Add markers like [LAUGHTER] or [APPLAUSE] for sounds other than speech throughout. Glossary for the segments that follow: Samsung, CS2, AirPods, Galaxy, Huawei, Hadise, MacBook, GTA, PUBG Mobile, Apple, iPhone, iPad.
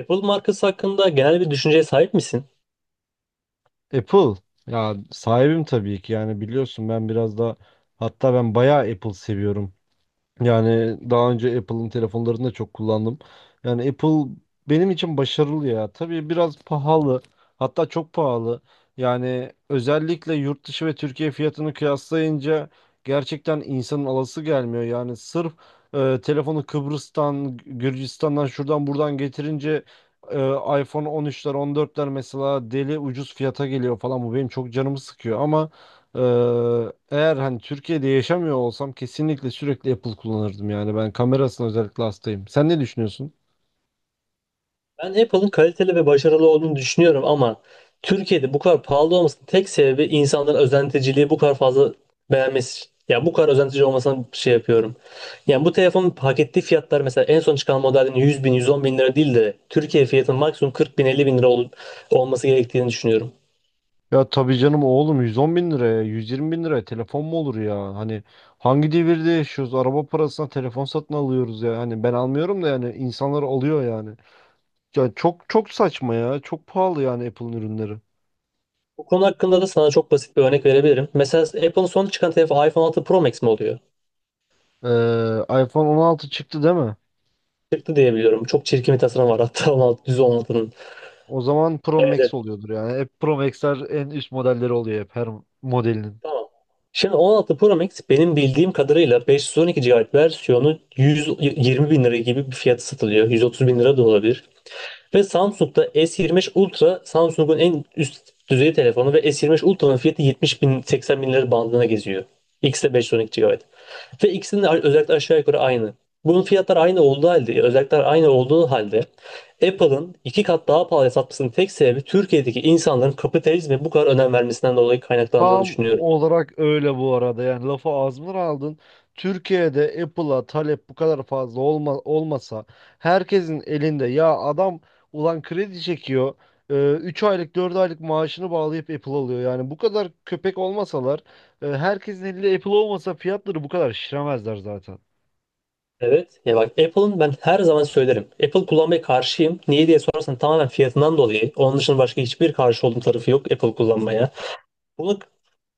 Apple markası hakkında genel bir düşünceye sahip misin? Apple ya sahibim tabii ki yani biliyorsun ben biraz da hatta ben bayağı Apple seviyorum. Yani daha önce Apple'ın telefonlarını da çok kullandım. Yani Apple benim için başarılı ya. Tabii biraz pahalı. Hatta çok pahalı. Yani özellikle yurt dışı ve Türkiye fiyatını kıyaslayınca gerçekten insanın alası gelmiyor. Yani sırf telefonu Kıbrıs'tan, Gürcistan'dan şuradan buradan getirince e, iPhone 13'ler, 14'ler mesela deli ucuz fiyata geliyor falan. Bu benim çok canımı sıkıyor ama ee, eğer hani Türkiye'de yaşamıyor olsam kesinlikle sürekli Apple kullanırdım yani ben kamerasına özellikle hastayım. Sen ne düşünüyorsun? Ben Apple'ın kaliteli ve başarılı olduğunu düşünüyorum ama Türkiye'de bu kadar pahalı olmasının tek sebebi insanların özenticiliği bu kadar fazla beğenmesi. Ya bu kadar özentici olmasına şey yapıyorum. Yani bu telefonun hak ettiği fiyatlar mesela en son çıkan modelin 100 bin, 110 bin lira değil de Türkiye fiyatının maksimum 40 bin, 50 bin lira olması gerektiğini düşünüyorum. Ya tabii canım oğlum 110 bin liraya 120 bin liraya telefon mu olur ya? Hani hangi devirde yaşıyoruz? Araba parasına telefon satın alıyoruz ya. Hani ben almıyorum da yani insanlar alıyor yani. Ya çok çok saçma ya. Çok pahalı yani Apple'ın ürünleri. Bu konu hakkında da sana çok basit bir örnek verebilirim. Mesela Apple'ın son çıkan telefonu iPhone 6 Pro Max mi oluyor? iPhone 16 çıktı değil mi? Çıktı diye biliyorum. Çok çirkin bir tasarım var hatta 16, 116'nın. O zaman Pro Evet, Max evet. oluyordur yani. Hep Pro Max'ler en üst modelleri oluyor hep her modelinin. Tamam. Şimdi 16 Pro Max benim bildiğim kadarıyla 512 GB versiyonu 120 bin lira gibi bir fiyatı satılıyor. 130 bin lira da olabilir. Ve Samsung'da S25 Ultra Samsung'un en üst düzey telefonu ve S25 Ultra'nın fiyatı 70 bin 80 bin lira bandına geziyor. X'de 512 GB. Ve ikisinin de özellikler aşağı yukarı aynı. Bunun fiyatları aynı olduğu halde, özellikler aynı olduğu halde Apple'ın iki kat daha pahalıya satmasının tek sebebi Türkiye'deki insanların kapitalizme bu kadar önem vermesinden dolayı kaynaklandığını Tam düşünüyorum. olarak öyle bu arada yani lafı ağzımdan aldın. Türkiye'de Apple'a talep bu kadar fazla olmasa herkesin elinde ya adam ulan kredi çekiyor 3 aylık 4 aylık maaşını bağlayıp Apple alıyor. Yani bu kadar köpek olmasalar herkesin elinde Apple olmasa fiyatları bu kadar şişiremezler zaten. Evet, ya bak Apple'ın ben her zaman söylerim. Apple kullanmaya karşıyım. Niye diye sorarsan tamamen fiyatından dolayı. Onun dışında başka hiçbir karşı olduğum tarafı yok Apple kullanmaya. Bunu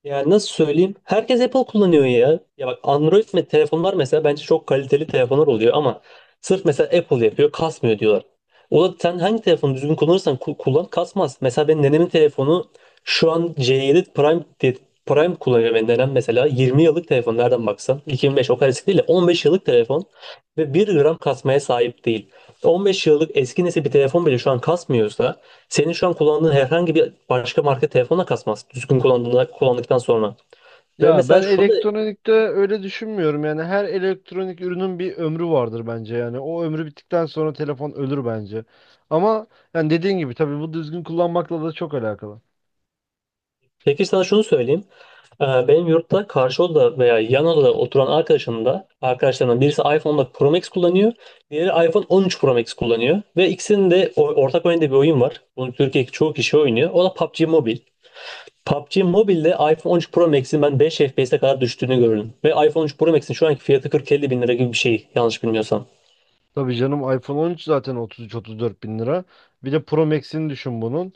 yani nasıl söyleyeyim? Herkes Apple kullanıyor ya. Ya bak Android telefonlar mesela bence çok kaliteli telefonlar oluyor ama sırf mesela Apple yapıyor kasmıyor diyorlar. O da sen hangi telefonu düzgün kullanırsan kullan kasmaz. Mesela benim nenemin telefonu şu an C7 Prime Prime kullanıyor benim nenem mesela. 20 yıllık telefon nereden baksan. 2005 o kadar eski değil de 15 yıllık telefon ve bir gram kasmaya sahip değil. 15 yıllık eski nesil bir telefon bile şu an kasmıyorsa senin şu an kullandığın herhangi bir başka marka telefonla kasmaz. Düzgün kullandığında, kullandıktan sonra. Ve Ya ben mesela şunu elektronikte öyle düşünmüyorum yani her elektronik ürünün bir ömrü vardır bence yani o ömrü bittikten sonra telefon ölür bence. Ama yani dediğin gibi tabii bu düzgün kullanmakla da çok alakalı. Peki sana şunu söyleyeyim. Benim yurtta karşı odada veya yan odada oturan arkadaşım da arkadaşlarımdan birisi iPhone 14 Pro Max kullanıyor. Diğeri iPhone 13 Pro Max kullanıyor. Ve ikisinin de ortak oynadığı bir oyun var. Bunu Türkiye'deki çoğu kişi oynuyor. O da PUBG Mobile. PUBG Mobile'de iPhone 13 Pro Max'in ben 5 FPS'e kadar düştüğünü gördüm. Ve iPhone 13 Pro Max'in şu anki fiyatı 40-50 bin lira gibi bir şey yanlış bilmiyorsam. Tabii canım iPhone 13 zaten 33-34 bin lira. Bir de Pro Max'ini düşün bunun.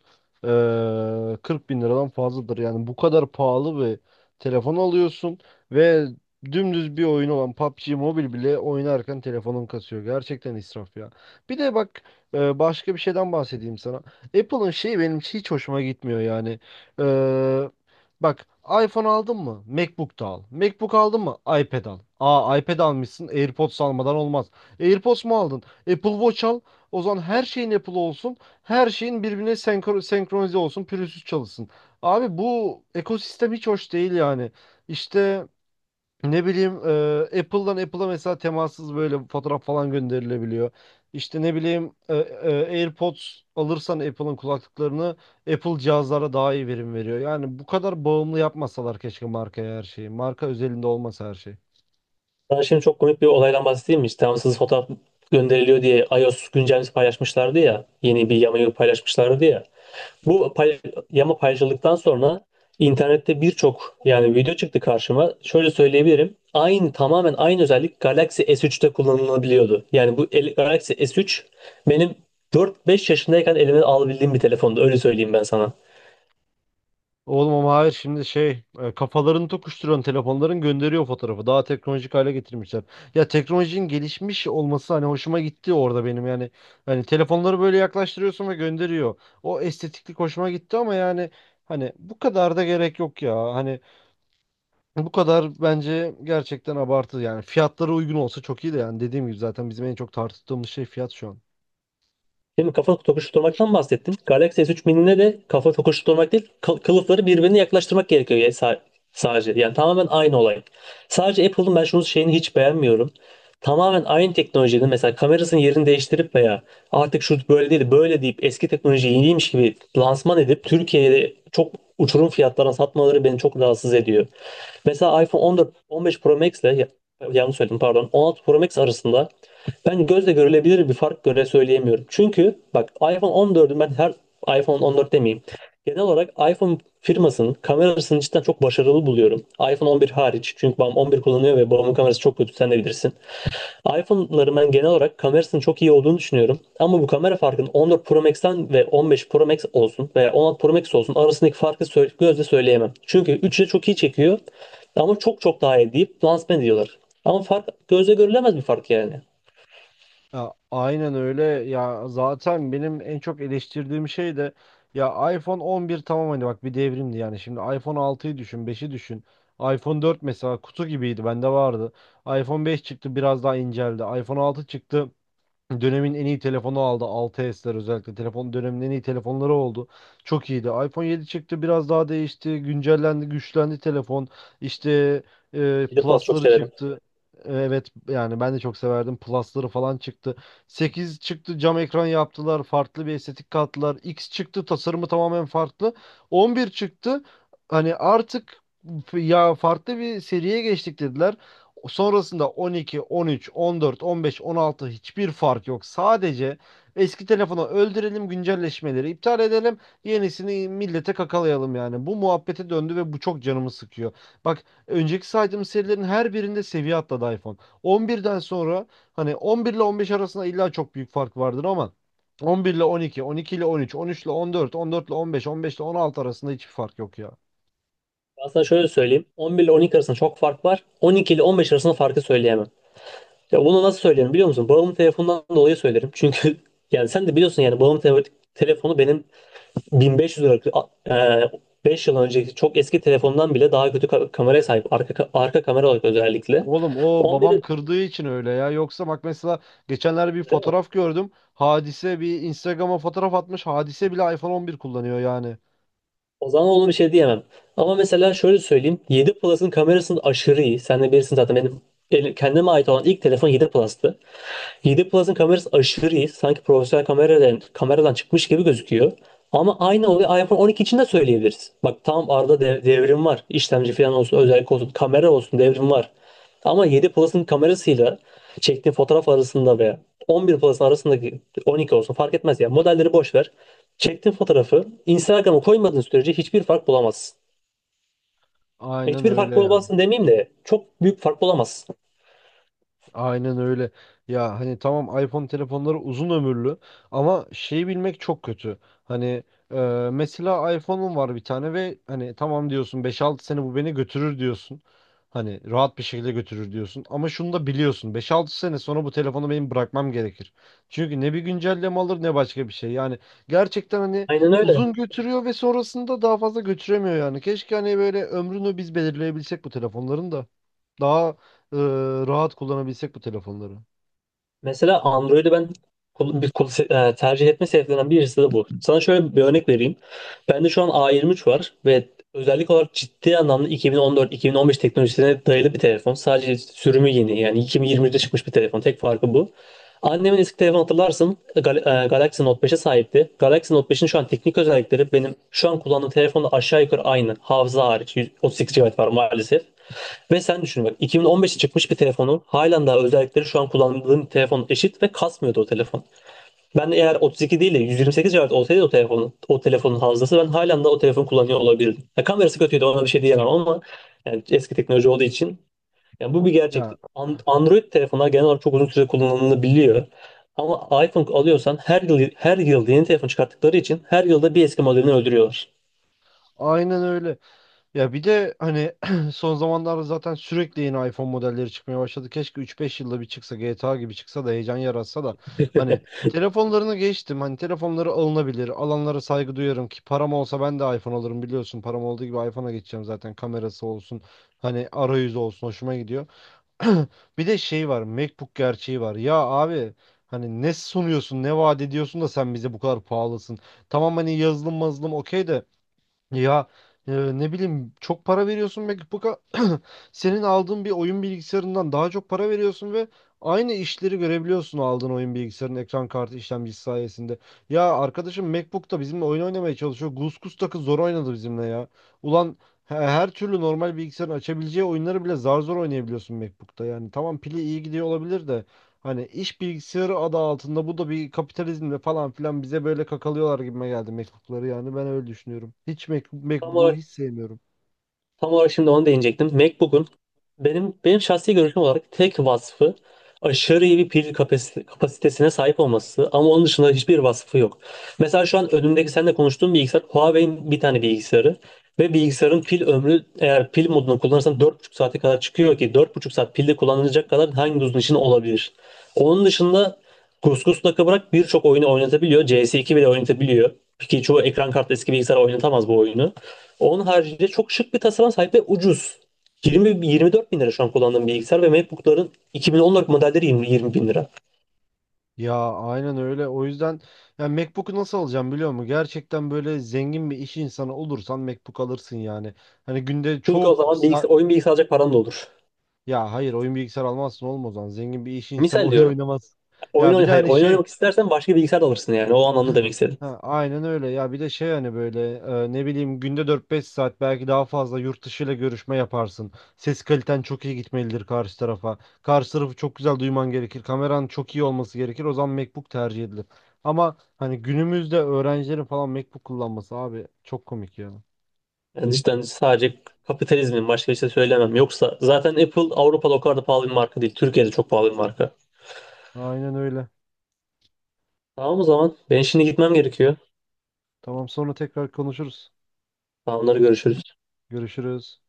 40 bin liradan fazladır. Yani bu kadar pahalı bir telefon alıyorsun ve dümdüz bir oyun olan PUBG Mobile bile oynarken telefonun kasıyor. Gerçekten israf ya. Bir de bak başka bir şeyden bahsedeyim sana. Apple'ın şeyi benim hiç hoşuma gitmiyor yani. Ee, bak iPhone aldın mı? MacBook da al. MacBook aldın mı? iPad al. Aa iPad almışsın. AirPods almadan olmaz. AirPods mu aldın? Apple Watch al. O zaman her şeyin Apple olsun. Her şeyin birbirine senkronize olsun. Pürüzsüz çalışsın. Abi bu ekosistem hiç hoş değil yani. İşte ne bileyim Apple'dan Apple'a mesela temassız böyle fotoğraf falan gönderilebiliyor. İşte ne bileyim AirPods alırsan Apple'ın kulaklıklarını Apple cihazlara daha iyi verim veriyor. Yani bu kadar bağımlı yapmasalar keşke markaya her şeyi. Marka özelinde olmasa her şey. Ben şimdi çok komik bir olaydan bahsedeyim mi? İşte tamamsız fotoğraf gönderiliyor diye iOS güncellemesi paylaşmışlardı ya. Yeni bir yamayı paylaşmışlardı ya. Bu pay- yama paylaşıldıktan sonra internette birçok yani video çıktı karşıma. Şöyle söyleyebilirim. Aynı tamamen aynı özellik Galaxy S3'te kullanılabiliyordu. Yani Galaxy S3 benim 4-5 yaşındayken elime alabildiğim bir telefondu. Öyle söyleyeyim ben sana. Oğlum ama hayır şimdi şey kafalarını tokuşturan telefonların gönderiyor fotoğrafı. Daha teknolojik hale getirmişler. Ya teknolojinin gelişmiş olması hani hoşuma gitti orada benim yani. Hani telefonları böyle yaklaştırıyorsun ve gönderiyor. O estetiklik hoşuma gitti ama yani hani bu kadar da gerek yok ya. Hani bu kadar bence gerçekten abartı yani. Fiyatları uygun olsa çok iyi de yani dediğim gibi zaten bizim en çok tartıştığımız şey fiyat şu an. Şimdi kafa tokuşturmaktan bahsettim. Galaxy S3 Mini'ne de kafa tokuşturmak değil, kılıfları birbirine yaklaştırmak gerekiyor ya sadece. Yani tamamen aynı olay. Sadece Apple'ın ben şunu şeyini hiç beğenmiyorum. Tamamen aynı teknolojinin mesela kamerasının yerini değiştirip veya artık şu böyle değil böyle deyip eski teknoloji yeniymiş gibi lansman edip Türkiye'de çok uçurum fiyatlarına satmaları beni çok rahatsız ediyor. Mesela iPhone 14, 15 Pro Max'le yanlış söyledim pardon. 16 Pro Max arasında ben gözle görülebilir bir fark göre söyleyemiyorum. Çünkü bak iPhone 14'ün ben her iPhone 14 demeyeyim. Genel olarak iPhone firmasının kamerasını cidden çok başarılı buluyorum. iPhone 11 hariç. Çünkü babam 11 kullanıyor ve babamın kamerası çok kötü sen de bilirsin iPhone'ların ben genel olarak kamerasının çok iyi olduğunu düşünüyorum. Ama bu kamera farkının 14 Pro Max'ten ve 15 Pro Max olsun veya 16 Pro Max olsun arasındaki farkı gözle söyleyemem. Çünkü 3'ü de çok iyi çekiyor ama çok çok daha iyi deyip lansman ediyorlar. Ama fark gözle görülemez bir fark yani. Ya, aynen öyle ya zaten benim en çok eleştirdiğim şey de ya iPhone 11 tamam hani bak bir devrimdi yani şimdi iPhone 6'yı düşün beşi düşün iPhone 4 mesela kutu gibiydi bende vardı iPhone 5 çıktı biraz daha inceldi iPhone 6 çıktı dönemin en iyi telefonu aldı. Altı sler özellikle. Telefon dönemin en iyi telefonları oldu. Çok iyiydi. iPhone 7 çıktı. Biraz daha değişti. Güncellendi, güçlendi telefon. İşte 7 Plus çok Plus'ları severim. çıktı. Evet yani ben de çok severdim. Plus'ları falan çıktı. 8 çıktı. Cam ekran yaptılar. Farklı bir estetik kattılar. X çıktı. Tasarımı tamamen farklı. 11 çıktı. Hani artık ya farklı bir seriye geçtik dediler. Sonrasında 12, 13, 14, 15, 16 hiçbir fark yok. Sadece eski telefonu öldürelim, güncelleşmeleri iptal edelim, yenisini millete kakalayalım yani. Bu muhabbete döndü ve bu çok canımı sıkıyor. Bak önceki saydığım serilerin her birinde seviye atladı iPhone. 11'den sonra hani 11 ile 15 arasında illa çok büyük fark vardır ama 11 ile 12, 12 ile 13, 13 ile 14, 14 ile 15, 15 ile 16 arasında hiçbir fark yok ya. Ben sana şöyle söyleyeyim. 11 ile 12 arasında çok fark var. 12 ile 15 arasında farkı söyleyemem. Ya bunu nasıl söylerim biliyor musun? Bağımlı telefondan dolayı söylerim. Çünkü [LAUGHS] yani sen de biliyorsun yani bağımlı telefonu benim 1500 lira 5 yıl önceki çok eski telefondan bile daha kötü kameraya sahip. Arka kamera olarak özellikle. Oğlum o babam 11 kırdığı için öyle ya. Yoksa bak mesela geçenlerde bir fotoğraf gördüm. Hadise bir Instagram'a fotoğraf atmış. Hadise bile iPhone 11 kullanıyor yani. o zaman ona bir şey diyemem. Ama mesela şöyle söyleyeyim. 7 Plus'ın kamerasının aşırı iyi. Sen de bilirsin zaten benim kendime ait olan ilk telefon 7 Plus'tı. 7 Plus'ın kamerası aşırı iyi. Sanki profesyonel kameradan çıkmış gibi gözüküyor. Ama aynı olayı iPhone 12 için de söyleyebiliriz. Bak tam arada devrim var. İşlemci falan olsun, özellik olsun, kamera olsun devrim var. Ama 7 Plus'ın kamerasıyla çektiğin fotoğraf arasında veya 11 Plus'ın arasındaki 12 olsun fark etmez ya. Modelleri boş ver. Çektiğin fotoğrafı Instagram'a koymadığın sürece hiçbir fark bulamazsın. Aynen Hiçbir fark öyle. bulamazsın demeyeyim de çok büyük fark bulamazsın. Aynen öyle. Ya hani tamam iPhone telefonları uzun ömürlü ama şeyi bilmek çok kötü. Hani e, mesela iPhone'un var bir tane ve hani tamam diyorsun 5-6 sene bu beni götürür diyorsun. Hani rahat bir şekilde götürür diyorsun. Ama şunu da biliyorsun 5-6 sene sonra bu telefonu benim bırakmam gerekir. Çünkü ne bir güncelleme alır ne başka bir şey. Yani gerçekten hani Aynen öyle. uzun götürüyor ve sonrasında daha fazla götüremiyor yani. Keşke hani böyle ömrünü biz belirleyebilsek bu telefonların da. Daha e, rahat kullanabilsek bu telefonları. Mesela Android'i ben kul- bir kul- se- e, tercih etme sebeplerinden birisi de bu. Sana şöyle bir örnek vereyim. Bende şu an A23 var ve özellik olarak ciddi anlamda 2014-2015 teknolojisine dayalı bir telefon. Sadece sürümü yeni yani 2020'de çıkmış bir telefon. Tek farkı bu. Annemin eski telefonu hatırlarsın Galaxy Note 5'e sahipti. Galaxy Note 5'in şu an teknik özellikleri benim şu an kullandığım telefonla aşağı yukarı aynı. Hafıza hariç 138 GB var maalesef. Ve sen düşün bak 2015'te çıkmış bir telefonun halen daha özellikleri şu an kullandığım telefon eşit ve kasmıyordu o telefon. Ben eğer 32 değil de 128 GB olsaydı o telefonun hafızası ben halen daha o telefonu kullanıyor olabilirdim. Ya kamerası kötüydü ona bir şey diyemem ama yani eski teknoloji olduğu için yani bu bir gerçek. Ya Android telefonlar genel olarak çok uzun süre kullanılabiliyor. Ama iPhone alıyorsan her yıl her yıl yeni telefon çıkarttıkları için her yılda bir eski modelini öldürüyorlar. aynen öyle. Ya bir de hani [CLEARS THROAT] son zamanlarda zaten sürekli yeni iPhone modelleri çıkmaya başladı. Keşke 3-5 yılda bir çıksa GTA gibi çıksa da heyecan yaratsa da hani telefonlarını geçtim. Hani telefonları alınabilir. Alanlara saygı duyarım ki param olsa ben de iPhone alırım biliyorsun. Param olduğu gibi iPhone'a geçeceğim zaten. Kamerası olsun. Hani arayüzü olsun hoşuma gidiyor. [CLEARS THROAT] Bir de şey var, MacBook gerçeği var. Ya abi hani ne sunuyorsun, ne vaat ediyorsun da sen bize bu kadar pahalısın. Tamam hani yazılım mazılım okey de ya e, ne bileyim çok para veriyorsun MacBook'a [CLEARS THROAT] senin aldığın bir oyun bilgisayarından daha çok para veriyorsun ve aynı işleri görebiliyorsun aldığın oyun bilgisayarının ekran kartı işlemcisi sayesinde. Ya arkadaşım MacBook'ta bizimle oyun oynamaya çalışıyor. Gus takı zor oynadı bizimle ya. Ulan her türlü normal bilgisayarın açabileceği oyunları bile zar zor oynayabiliyorsun MacBook'ta. Yani tamam pili iyi gidiyor olabilir de hani iş bilgisayarı adı altında bu da bir kapitalizmle falan filan bize böyle kakalıyorlar gibime geldi mektupları yani ben öyle düşünüyorum. Hiç Tam MacBook'u olarak hiç sevmiyorum. Tam olarak şimdi onu değinecektim. MacBook'un benim şahsi görüşüm olarak tek vasfı aşırı iyi bir pil kapasitesine sahip olması ama onun dışında hiçbir vasfı yok. Mesela şu an önümdeki seninle konuştuğum bilgisayar Huawei'in bir tane bilgisayarı ve bilgisayarın pil ömrü eğer pil modunu kullanırsan 4,5 saate kadar çıkıyor ki 4,5 saat pilde kullanılacak kadar hangi uzun işin olabilir? Onun dışında Kuskus nakı bırak birçok oyunu oynatabiliyor. CS2 bile oynatabiliyor. Ki çoğu ekran kartı eski bilgisayar oynatamaz bu oyunu. Onun haricinde çok şık bir tasarıma sahip ve ucuz. 20, 24 bin lira şu an kullandığım bilgisayar ve MacBook'ların 2014 modelleri 20, 20 bin lira. Ya aynen öyle. O yüzden yani MacBook'u nasıl alacağım biliyor musun? Gerçekten böyle zengin bir iş insanı olursan MacBook alırsın yani. Hani günde Çünkü o çok zaman bilgisayar, oyun bilgisayar alacak paran da olur. ya hayır oyun bilgisayar almazsın olmaz o zaman. Zengin bir iş insanı [LAUGHS] Misal oyun diyorum. oynamaz. Oyun Ya bir oyn de hayır, hani oyun şey oynamak istersen başka bir bilgisayar da alırsın yani. O anlamda demek istedim. ha, aynen öyle ya bir de şey hani böyle ne bileyim günde 4-5 saat belki daha fazla yurt dışıyla görüşme yaparsın. Ses kaliten çok iyi gitmelidir karşı tarafa. Karşı tarafı çok güzel duyman gerekir. Kameran çok iyi olması gerekir. O zaman MacBook tercih edilir. Ama hani günümüzde öğrencilerin falan MacBook kullanması abi çok komik ya. Yani cidden sadece kapitalizmin başka bir şey söylemem. Yoksa zaten Apple Avrupa'da o kadar da pahalı bir marka değil. Türkiye'de çok pahalı bir marka. Aynen öyle. Tamam o zaman. Ben şimdi gitmem gerekiyor. Tamam sonra tekrar konuşuruz. Tamamları görüşürüz. Görüşürüz.